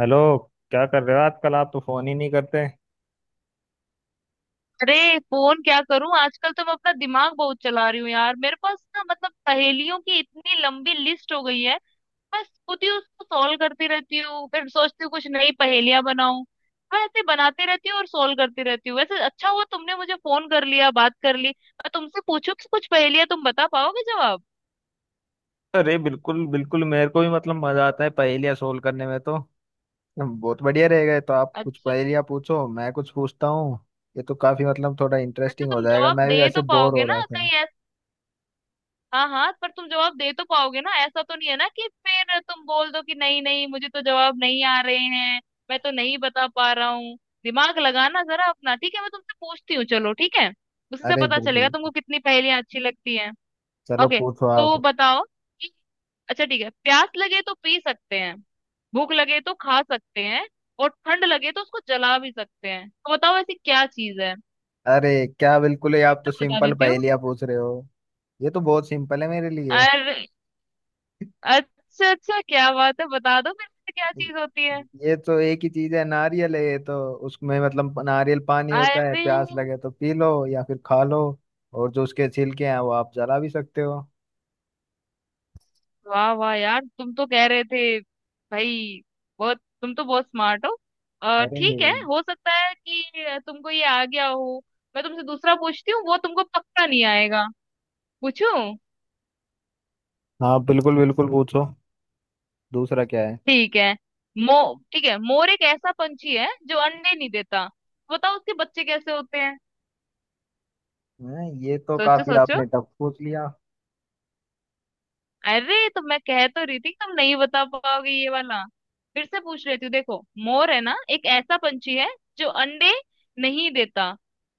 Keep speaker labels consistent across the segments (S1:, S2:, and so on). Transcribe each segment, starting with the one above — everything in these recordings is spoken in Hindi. S1: हेलो। क्या कर रहे हो आजकल? आप तो फोन ही नहीं करते।
S2: अरे फोन क्या करूं, आजकल तो मैं अपना दिमाग बहुत चला रही हूँ यार। मेरे पास ना मतलब पहेलियों की इतनी लंबी लिस्ट हो गई है। मैं खुद ही उसको सॉल्व करती रहती हूँ, फिर सोचती हूँ कुछ नई पहेलियां बनाऊं। मैं ऐसे बनाती रहती हूँ और सॉल्व करती रहती हूँ। वैसे अच्छा हुआ तुमने मुझे फोन कर लिया, बात कर ली। मैं तुमसे पूछूं कि कुछ पहेलियां तुम बता पाओगे जवाब।
S1: अरे बिल्कुल बिल्कुल, मेरे को भी मतलब मजा आता है पहेलियां सोल्व करने में, तो बहुत बढ़िया रहेगा। तो आप कुछ
S2: अच्छा अच्छा।
S1: पहेलियाँ पूछो, मैं कुछ पूछता हूँ। ये तो काफी मतलब थोड़ा
S2: वैसे
S1: इंटरेस्टिंग हो
S2: तुम
S1: जाएगा,
S2: जवाब
S1: मैं
S2: दे
S1: भी वैसे
S2: तो
S1: बोर
S2: पाओगे
S1: हो
S2: ना
S1: रहा था।
S2: कहीं? हाँ हाँ, पर तुम जवाब दे तो पाओगे ना, ऐसा तो नहीं है ना कि फिर तुम बोल दो कि नहीं नहीं मुझे तो जवाब नहीं आ रहे हैं, मैं तो नहीं बता पा रहा हूँ। दिमाग लगाना जरा अपना। ठीक है मैं तुमसे पूछती हूँ, चलो ठीक है। उससे
S1: अरे
S2: पता चलेगा
S1: बिल्कुल,
S2: तुमको कितनी पहेलियां अच्छी लगती हैं।
S1: चलो
S2: ओके
S1: पूछो
S2: तो
S1: आप।
S2: बताओ कि अच्छा ठीक है, प्यास लगे तो पी सकते हैं, भूख लगे तो खा सकते हैं, और ठंड लगे तो उसको जला भी सकते हैं। तो बताओ ऐसी क्या चीज है। मैं
S1: अरे क्या, बिल्कुल ही आप तो
S2: तो बता
S1: सिंपल
S2: देती
S1: पहेलियाँ पूछ रहे हो। ये तो बहुत सिंपल है मेरे लिए।
S2: हूँ। अच्छा अच्छा, क्या बात है, बता दो फिर से क्या चीज होती है।
S1: ये तो एक ही चीज है, नारियल है ये तो। उसमें मतलब नारियल पानी होता है,
S2: अरे
S1: प्यास लगे तो पी लो या फिर खा लो। और जो उसके छिलके हैं वो आप जला भी सकते हो।
S2: वाह वाह यार, तुम तो कह रहे थे भाई। बहुत तुम तो बहुत स्मार्ट हो। और
S1: अरे
S2: ठीक है हो सकता है कि तुमको ये आ गया हो। मैं तुमसे दूसरा पूछती हूँ, वो तुमको पक्का नहीं आएगा। पूछूं?
S1: हाँ बिल्कुल बिल्कुल, पूछो। दूसरा क्या है?
S2: ठीक है। मो ठीक है, मोर एक ऐसा पंछी है जो अंडे नहीं देता। बताओ उसके बच्चे कैसे होते हैं।
S1: हाँ, ये तो
S2: सोचो
S1: काफी
S2: सोचो।
S1: आपने टफ पूछ लिया।
S2: अरे तो मैं कह तो रही थी तुम नहीं बता पाओगे ये वाला। फिर से पूछ लेती हूँ देखो। मोर है ना, एक ऐसा पंछी है जो अंडे नहीं देता,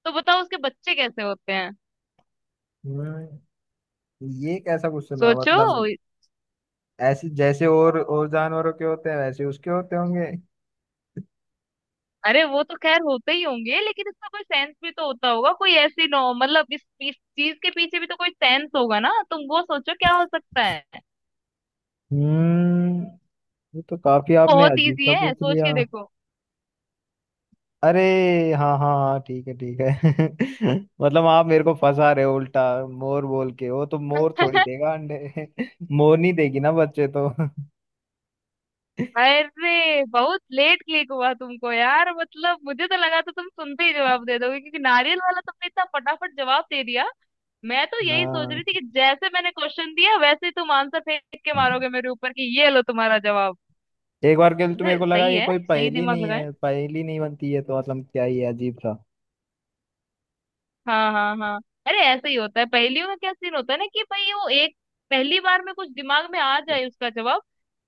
S2: तो बताओ उसके बच्चे कैसे होते हैं।
S1: हम्म, ये कैसा क्वेश्चन हुआ
S2: सोचो।
S1: मतलब? ऐसे जैसे और जानवरों के होते हैं वैसे उसके होते होंगे।
S2: अरे वो तो खैर होते ही होंगे, लेकिन इसका कोई सेंस भी तो होता होगा। कोई ऐसी नो मतलब इस चीज के पीछे भी तो कोई सेंस होगा ना, तुम वो सोचो क्या हो सकता है।
S1: हम्म, ये तो काफी आपने
S2: बहुत
S1: अजीब
S2: इजी
S1: सा
S2: है,
S1: पूछ
S2: सोच
S1: लिया।
S2: के देखो।
S1: अरे हाँ हाँ हाँ, ठीक है ठीक है। मतलब आप मेरे को फंसा रहे हो उल्टा, मोर बोल के। वो तो मोर थोड़ी देगा अंडे। मोर नहीं देगी ना बच्चे तो।
S2: अरे बहुत लेट क्लिक हुआ तुमको यार। मतलब मुझे तो लगा था तुम सुनते ही जवाब दे दोगे क्योंकि नारियल वाला तुमने इतना फटाफट जवाब दे दिया। मैं तो यही सोच रही
S1: हाँ,
S2: थी कि जैसे मैंने क्वेश्चन दिया वैसे ही तुम आंसर फेंक के मारोगे मेरे ऊपर कि ये लो तुम्हारा जवाब।
S1: एक बार के लिए तो
S2: अरे
S1: मेरे को लगा
S2: सही
S1: ये
S2: है,
S1: कोई
S2: सही
S1: पहेली
S2: दिमाग
S1: नहीं
S2: लगाए।
S1: है, पहेली नहीं बनती है, तो मतलब क्या ही है, अजीब था।
S2: हाँ हाँ हाँ। अरे ऐसे ही होता है पहेलियों में। क्या सीन होता है ना कि भाई वो एक पहली बार में कुछ दिमाग में आ जाए उसका जवाब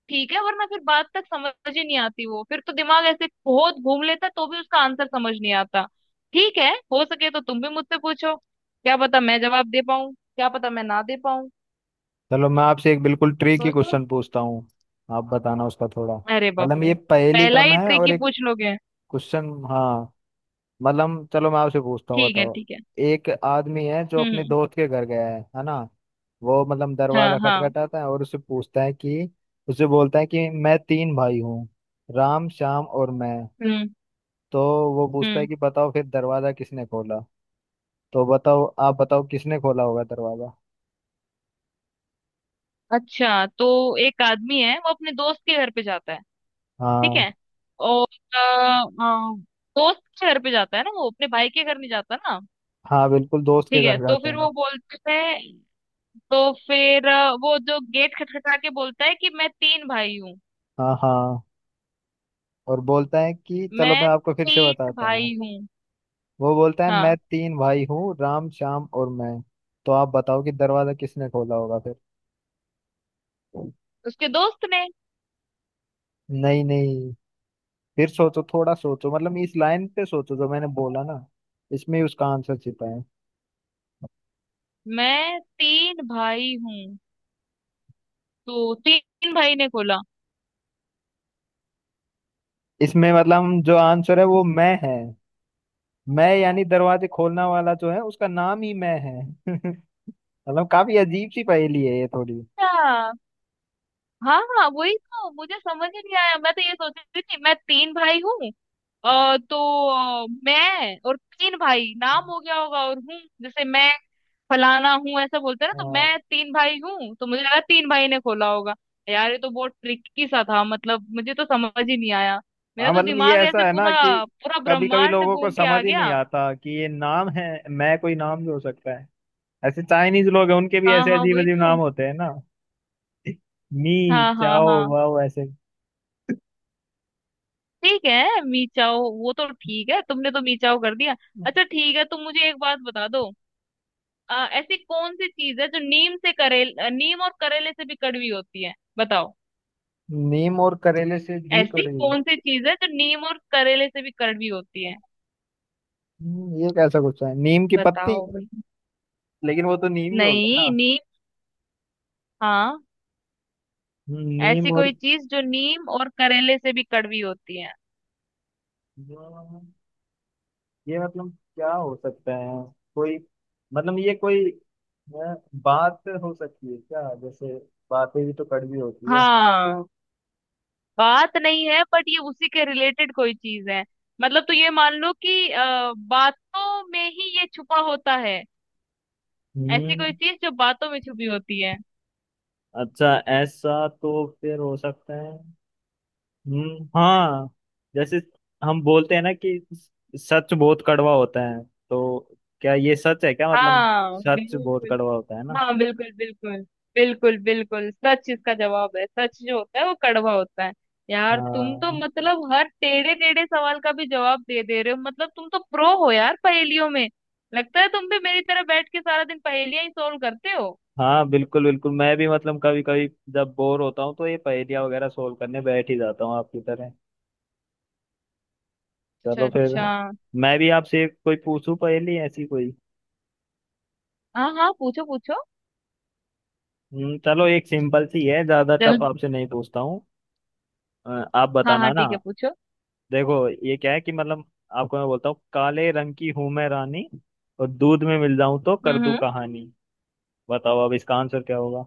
S2: ठीक है, वरना फिर बात तक समझ ही नहीं आती। वो फिर तो दिमाग ऐसे बहुत घूम लेता तो भी उसका आंसर समझ नहीं आता। ठीक है, हो सके तो तुम भी मुझसे पूछो, क्या पता मैं जवाब दे पाऊं क्या पता मैं ना दे पाऊं।
S1: चलो मैं आपसे एक बिल्कुल ट्रिकी
S2: सोचो।
S1: क्वेश्चन पूछता हूँ, आप बताना उसका थोड़ा।
S2: अरे बाप
S1: मतलब
S2: रे,
S1: ये पहेली
S2: पहला
S1: कम
S2: ही
S1: है
S2: ट्रिक
S1: और
S2: ही
S1: एक
S2: पूछ लोगे।
S1: क्वेश्चन, हाँ। मतलब चलो मैं आपसे पूछता हूँ,
S2: ठीक है
S1: बताओ।
S2: ठीक है।
S1: एक आदमी है जो
S2: हम्म
S1: अपने
S2: हम्म,
S1: दोस्त के घर गया है ना। वो मतलब
S2: हाँ
S1: दरवाजा
S2: हाँ,
S1: खटखटाता है और उससे पूछता है कि, उससे बोलता है कि मैं तीन भाई हूँ, राम श्याम और मैं।
S2: हम्म
S1: तो वो पूछता है
S2: हम्म।
S1: कि बताओ फिर दरवाजा किसने खोला। तो बताओ, आप बताओ किसने खोला होगा दरवाजा।
S2: अच्छा तो एक आदमी है, वो अपने दोस्त के घर पे जाता है, ठीक
S1: हाँ
S2: है। और अ, अ, दोस्त के घर पे जाता है ना, वो अपने भाई के घर नहीं जाता ना।
S1: हाँ, बिल्कुल दोस्त के
S2: ठीक है
S1: घर
S2: तो
S1: जाता
S2: फिर
S1: है।
S2: वो बोलते हैं, तो फिर वो जो गेट खटखटा के बोलता है कि मैं तीन भाई हूँ।
S1: हाँ हाँ, और बोलता है कि चलो मैं
S2: मैं
S1: आपको फिर से
S2: तीन
S1: बताता हूँ।
S2: भाई हूँ।
S1: वो बोलता है, मैं
S2: हाँ।
S1: तीन भाई हूँ, राम श्याम और मैं। तो आप बताओ कि दरवाजा किसने खोला होगा फिर।
S2: उसके दोस्त ने।
S1: नहीं नहीं, फिर सोचो, थोड़ा सोचो, मतलब इस लाइन पे सोचो जो मैंने बोला ना, इसमें ही उसका आंसर छिपा है।
S2: मैं तीन भाई हूँ, तो तीन भाई ने खोला।
S1: इसमें मतलब जो आंसर है वो मैं है। मैं, यानी दरवाजे खोलने वाला जो है उसका नाम ही मैं है। मतलब काफी अजीब सी पहेली है ये थोड़ी।
S2: अच्छा, हाँ हाँ वही तो मुझे समझ ही नहीं आया। मैं तो ये सोच रही थी मैं तीन भाई हूँ तो मैं और तीन भाई नाम हो गया होगा, और हूँ जैसे मैं फलाना हूँ ऐसा बोलते हैं ना, तो
S1: हाँ
S2: मैं तीन भाई हूँ तो मुझे लगा तीन भाई ने खोला होगा। यार ये तो बहुत ट्रिकी सा था, मतलब मुझे तो समझ ही नहीं आया। मेरा
S1: हाँ,
S2: तो
S1: मतलब ये
S2: दिमाग
S1: ऐसा
S2: ऐसे
S1: है ना कि
S2: पूरा पूरा
S1: कभी कभी
S2: ब्रह्मांड
S1: लोगों को
S2: घूम के आ
S1: समझ ही नहीं
S2: गया।
S1: आता कि ये नाम है। मैं कोई नाम भी हो सकता है। ऐसे चाइनीज लोग हैं, उनके भी
S2: हाँ
S1: ऐसे
S2: हाँ
S1: अजीब
S2: वही
S1: अजीब नाम
S2: तो।
S1: होते हैं ना, मी
S2: हाँ हाँ
S1: चाओ
S2: हाँ
S1: वाओ ऐसे।
S2: ठीक है, मीचाओ, वो तो ठीक है, तुमने तो मीचाओ कर दिया। अच्छा ठीक है, तुम मुझे एक बात बता दो। ऐसी कौन सी चीज है जो नीम और करेले से भी कड़वी होती है, बताओ।
S1: नीम और करेले से भी
S2: ऐसी
S1: कड़वी?
S2: कौन सी चीज है जो नीम और करेले से भी कड़वी होती है,
S1: ये कैसा गुस्सा है, नीम की पत्ती?
S2: बताओ भाई।
S1: लेकिन वो तो नीम ही हो गया
S2: नहीं
S1: ना।
S2: नीम, हाँ,
S1: नीम
S2: ऐसी
S1: और?
S2: कोई चीज जो नीम और करेले से भी कड़वी होती है।
S1: ये मतलब क्या हो सकता है? कोई मतलब ये कोई बात हो सकती है क्या? जैसे बातें भी तो कड़वी होती है।
S2: हाँ बात नहीं है, बट ये उसी के रिलेटेड कोई चीज है, मतलब तो ये मान लो कि बातों में ही ये छुपा होता है। ऐसी कोई
S1: हम्म,
S2: चीज जो बातों में छुपी होती है।
S1: अच्छा, ऐसा तो फिर हो सकता है। हाँ, जैसे हम बोलते हैं ना कि सच बहुत कड़वा होता है। तो क्या ये सच है क्या मतलब,
S2: हाँ
S1: सच बहुत
S2: बिल्कुल।
S1: कड़वा होता है ना?
S2: हाँ बिल्कुल बिल्कुल। बिल्कुल बिल्कुल, सच इसका जवाब है, सच जो होता है वो कड़वा होता है। यार तुम तो
S1: हाँ
S2: मतलब हर टेढ़े टेढ़े सवाल का भी जवाब दे दे रहे हो, मतलब तुम तो प्रो हो यार पहेलियों में। लगता है तुम भी मेरी तरह बैठ के सारा दिन पहेलियां ही सोल्व करते हो।
S1: हाँ बिल्कुल बिल्कुल, मैं भी मतलब कभी कभी, जब बोर होता हूँ तो ये पहेलियाँ वगैरह सोल्व करने बैठ ही जाता हूँ आपकी तरह।
S2: अच्छा
S1: चलो फिर,
S2: अच्छा।
S1: मैं भी आपसे कोई पूछूं पहेली ऐसी कोई।
S2: हाँ हाँ पूछो पूछो।
S1: चलो एक सिंपल सी है, ज्यादा टफ
S2: जल्द।
S1: आपसे नहीं पूछता हूँ। आप
S2: हाँ हाँ
S1: बताना ना।
S2: ठीक है पूछो।
S1: देखो ये क्या है कि मतलब, आपको मैं बोलता हूँ, काले रंग की हूं मैं रानी, और दूध में मिल जाऊं तो कर दूं
S2: हम्म।
S1: कहानी। बताओ अब इसका आंसर क्या होगा।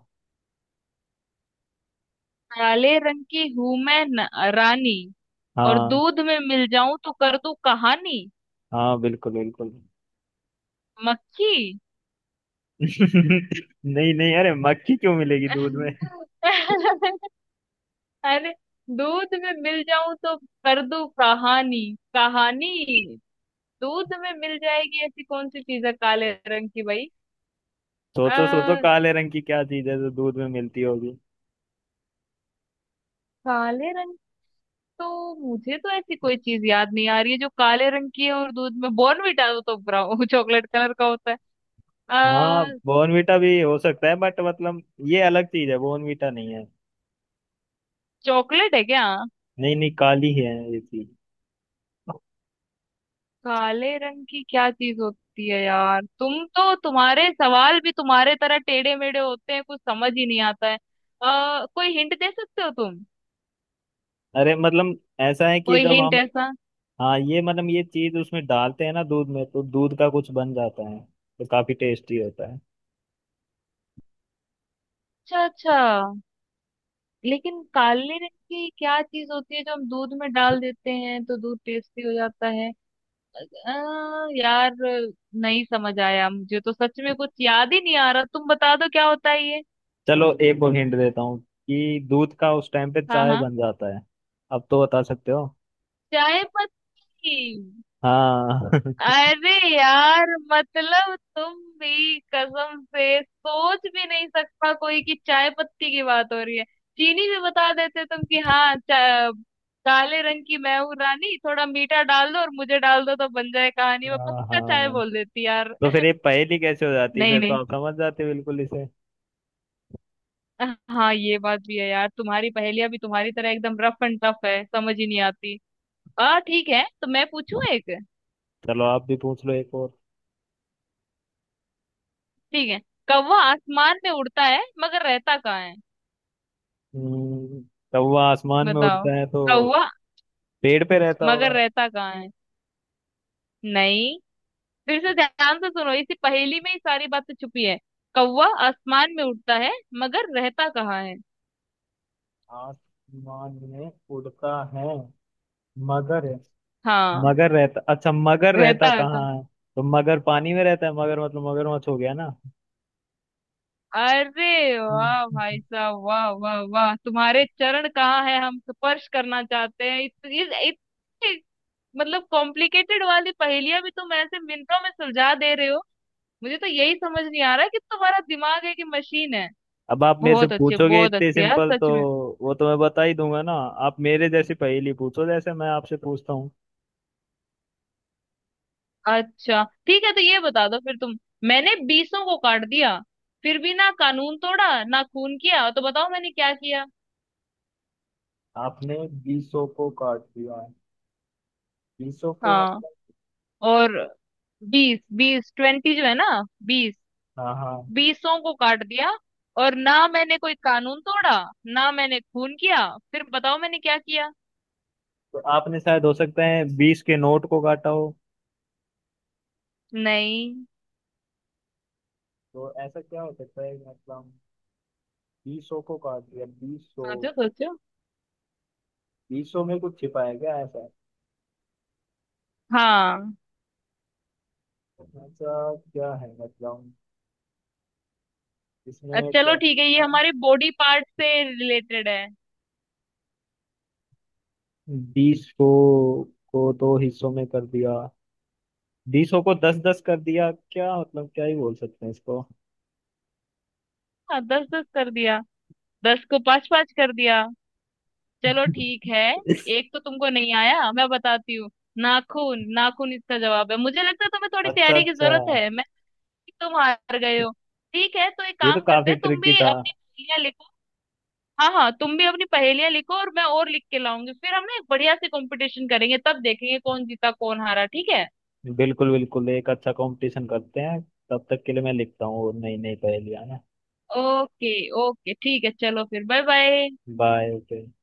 S2: काले रंग की हूं मैं न, रानी, और
S1: हाँ
S2: दूध में मिल जाऊं तो कर दूं कहानी।
S1: हाँ बिल्कुल बिल्कुल।
S2: मक्खी।
S1: नहीं नहीं, अरे मक्खी क्यों मिलेगी दूध में?
S2: अरे, दूध में मिल जाऊं तो कर दूं कहानी, कहानी। दूध में मिल जाएगी ऐसी कौन सी चीज है काले रंग की भाई?
S1: सोचो सोचो,
S2: आ,
S1: काले रंग की क्या चीज है जो दूध में मिलती होगी?
S2: काले रंग, तो मुझे तो ऐसी कोई चीज याद नहीं आ रही है जो काले रंग की है और दूध में, बॉर्नविटा तो ब्राउन चॉकलेट कलर का होता है।
S1: हाँ
S2: आ,
S1: बॉर्नवीटा भी हो सकता है बट मतलब, ये अलग चीज है, बॉर्नवीटा नहीं है।
S2: चॉकलेट है क्या?
S1: नहीं नहीं, काली है ये चीज।
S2: काले रंग की क्या चीज होती है यार, तुम तो तुम्हारे सवाल भी तुम्हारे तरह टेढ़े मेढ़े होते हैं, कुछ समझ ही नहीं आता है। कोई हिंट दे सकते हो तुम,
S1: अरे मतलब ऐसा है कि
S2: कोई
S1: जब
S2: हिंट
S1: हम,
S2: ऐसा।
S1: हाँ, ये मतलब ये चीज उसमें डालते हैं ना दूध में, तो दूध का कुछ बन जाता है, तो काफी टेस्टी होता है।
S2: अच्छा अच्छा, लेकिन काले रंग की क्या चीज होती है जो हम दूध में डाल देते हैं तो दूध टेस्टी हो जाता है? यार नहीं समझ आया मुझे तो, सच में कुछ याद ही नहीं आ रहा, तुम बता दो क्या होता है ये।
S1: चलो एक और हिंट देता हूँ कि दूध का उस टाइम पे
S2: हाँ
S1: चाय
S2: हाँ,
S1: बन जाता है। अब तो बता सकते हो।
S2: चाय पत्ती।
S1: हाँ।
S2: अरे यार मतलब तुम भी, कसम से सोच भी नहीं सकता कोई कि चाय पत्ती की बात हो रही है। चीनी भी बता देते तुम कि हाँ काले रंग की मैं हूँ रानी, थोड़ा मीठा डाल दो और मुझे डाल दो तो बन जाए कहानी, मैं
S1: हाँ
S2: पक्का चाय
S1: हाँ,
S2: बोल देती यार।
S1: तो फिर ये पहेली कैसे हो जाती,
S2: नहीं
S1: फिर तो
S2: नहीं,
S1: आप समझ जाते बिल्कुल इसे।
S2: हाँ ये बात भी है यार, तुम्हारी पहेलियां भी तुम्हारी तरह एकदम रफ एंड टफ है, समझ ही नहीं आती। आ ठीक है तो मैं पूछूं एक,
S1: चलो आप भी पूछ लो एक और।
S2: ठीक है। कौवा आसमान में उड़ता है मगर रहता कहाँ है,
S1: हम्म, कौवा आसमान में
S2: बताओ।
S1: उड़ता है, तो
S2: कौवा,
S1: पेड़ पे रहता होगा।
S2: मगर रहता कहाँ है? नहीं, फिर से
S1: तो
S2: ध्यान से सुनो, इसी पहेली में ही सारी बातें छुपी है। कौवा आसमान में उड़ता है मगर रहता कहाँ है?
S1: आसमान में उड़ता है मगर,
S2: हाँ,
S1: मगर रहता, अच्छा मगर रहता
S2: रहता
S1: कहाँ
S2: कहाँ।
S1: है। तो मगर पानी में रहता है, मगर मतलब मगरमच्छ हो गया ना।
S2: अरे वाह
S1: हम्म।
S2: भाई साहब, वाह वाह वाह, तुम्हारे चरण कहाँ है हम स्पर्श करना चाहते हैं, इत, इत, इतनी मतलब कॉम्प्लिकेटेड वाली पहेलियां भी तुम ऐसे मिनटों में सुलझा दे रहे हो। मुझे तो यही समझ नहीं आ रहा कि तुम्हारा दिमाग है कि मशीन है।
S1: अब आप मेरे से पूछोगे
S2: बहुत
S1: इतने
S2: अच्छे यार,
S1: सिंपल, तो
S2: सच में।
S1: वो तो मैं बता ही दूंगा ना। आप मेरे जैसी पहेली पूछो, जैसे मैं आपसे पूछता हूँ।
S2: अच्छा ठीक है, तो ये बता दो फिर तुम। मैंने बीसों को काट दिया, फिर भी ना कानून तोड़ा ना खून किया, तो बताओ मैंने क्या किया।
S1: आपने बीसों को काट दिया है। बीसों को
S2: हाँ,
S1: मतलब?
S2: और बीस बीस 20 जो है ना, बीस,
S1: हाँ हाँ।
S2: बीसों को काट दिया, और ना मैंने कोई कानून तोड़ा ना मैंने खून किया, फिर बताओ मैंने क्या किया।
S1: तो आपने शायद हो सकता है बीस के नोट को काटा हो।
S2: नहीं,
S1: तो ऐसा क्या हो सकता है मतलब? बीसों को काट दिया, बीसों।
S2: सोचो सोचो।
S1: बीसों में कुछ छिपा है क्या ऐसा?
S2: हाँ
S1: ऐसा क्या है मतलब? इसमें
S2: चलो
S1: क्या
S2: ठीक है, ये
S1: है?
S2: हमारे बॉडी पार्ट से रिलेटेड है।
S1: बीस को दो हिस्सों में कर दिया? बीसों को दस दस कर दिया क्या? मतलब क्या ही बोल सकते हैं इसको।
S2: हाँ दस दस कर दिया, दस को पांच पांच कर दिया, चलो ठीक है। एक तो तुमको नहीं आया, मैं बताती हूँ। नाखून, नाखून इसका जवाब है। मुझे लगता है तुम्हें थोड़ी
S1: अच्छा
S2: तैयारी की
S1: अच्छा,
S2: जरूरत है, मैं, तुम हार गए हो। ठीक है तो एक
S1: ये तो
S2: काम करते
S1: काफी
S2: हैं, तुम
S1: ट्रिकी
S2: भी
S1: था।
S2: अपनी पहेलियां लिखो। हाँ हाँ, तुम भी अपनी पहेलियां लिखो और मैं और लिख के लाऊंगी, फिर हम ना एक बढ़िया से कंपटीशन करेंगे, तब देखेंगे कौन जीता कौन हारा, ठीक है।
S1: बिल्कुल बिल्कुल, एक अच्छा कंपटीशन करते हैं। तब तक के लिए मैं लिखता हूँ और नई नई पहेलियां ना।
S2: ओके। ओके ठीक है चलो फिर, बाय बाय।
S1: बाय।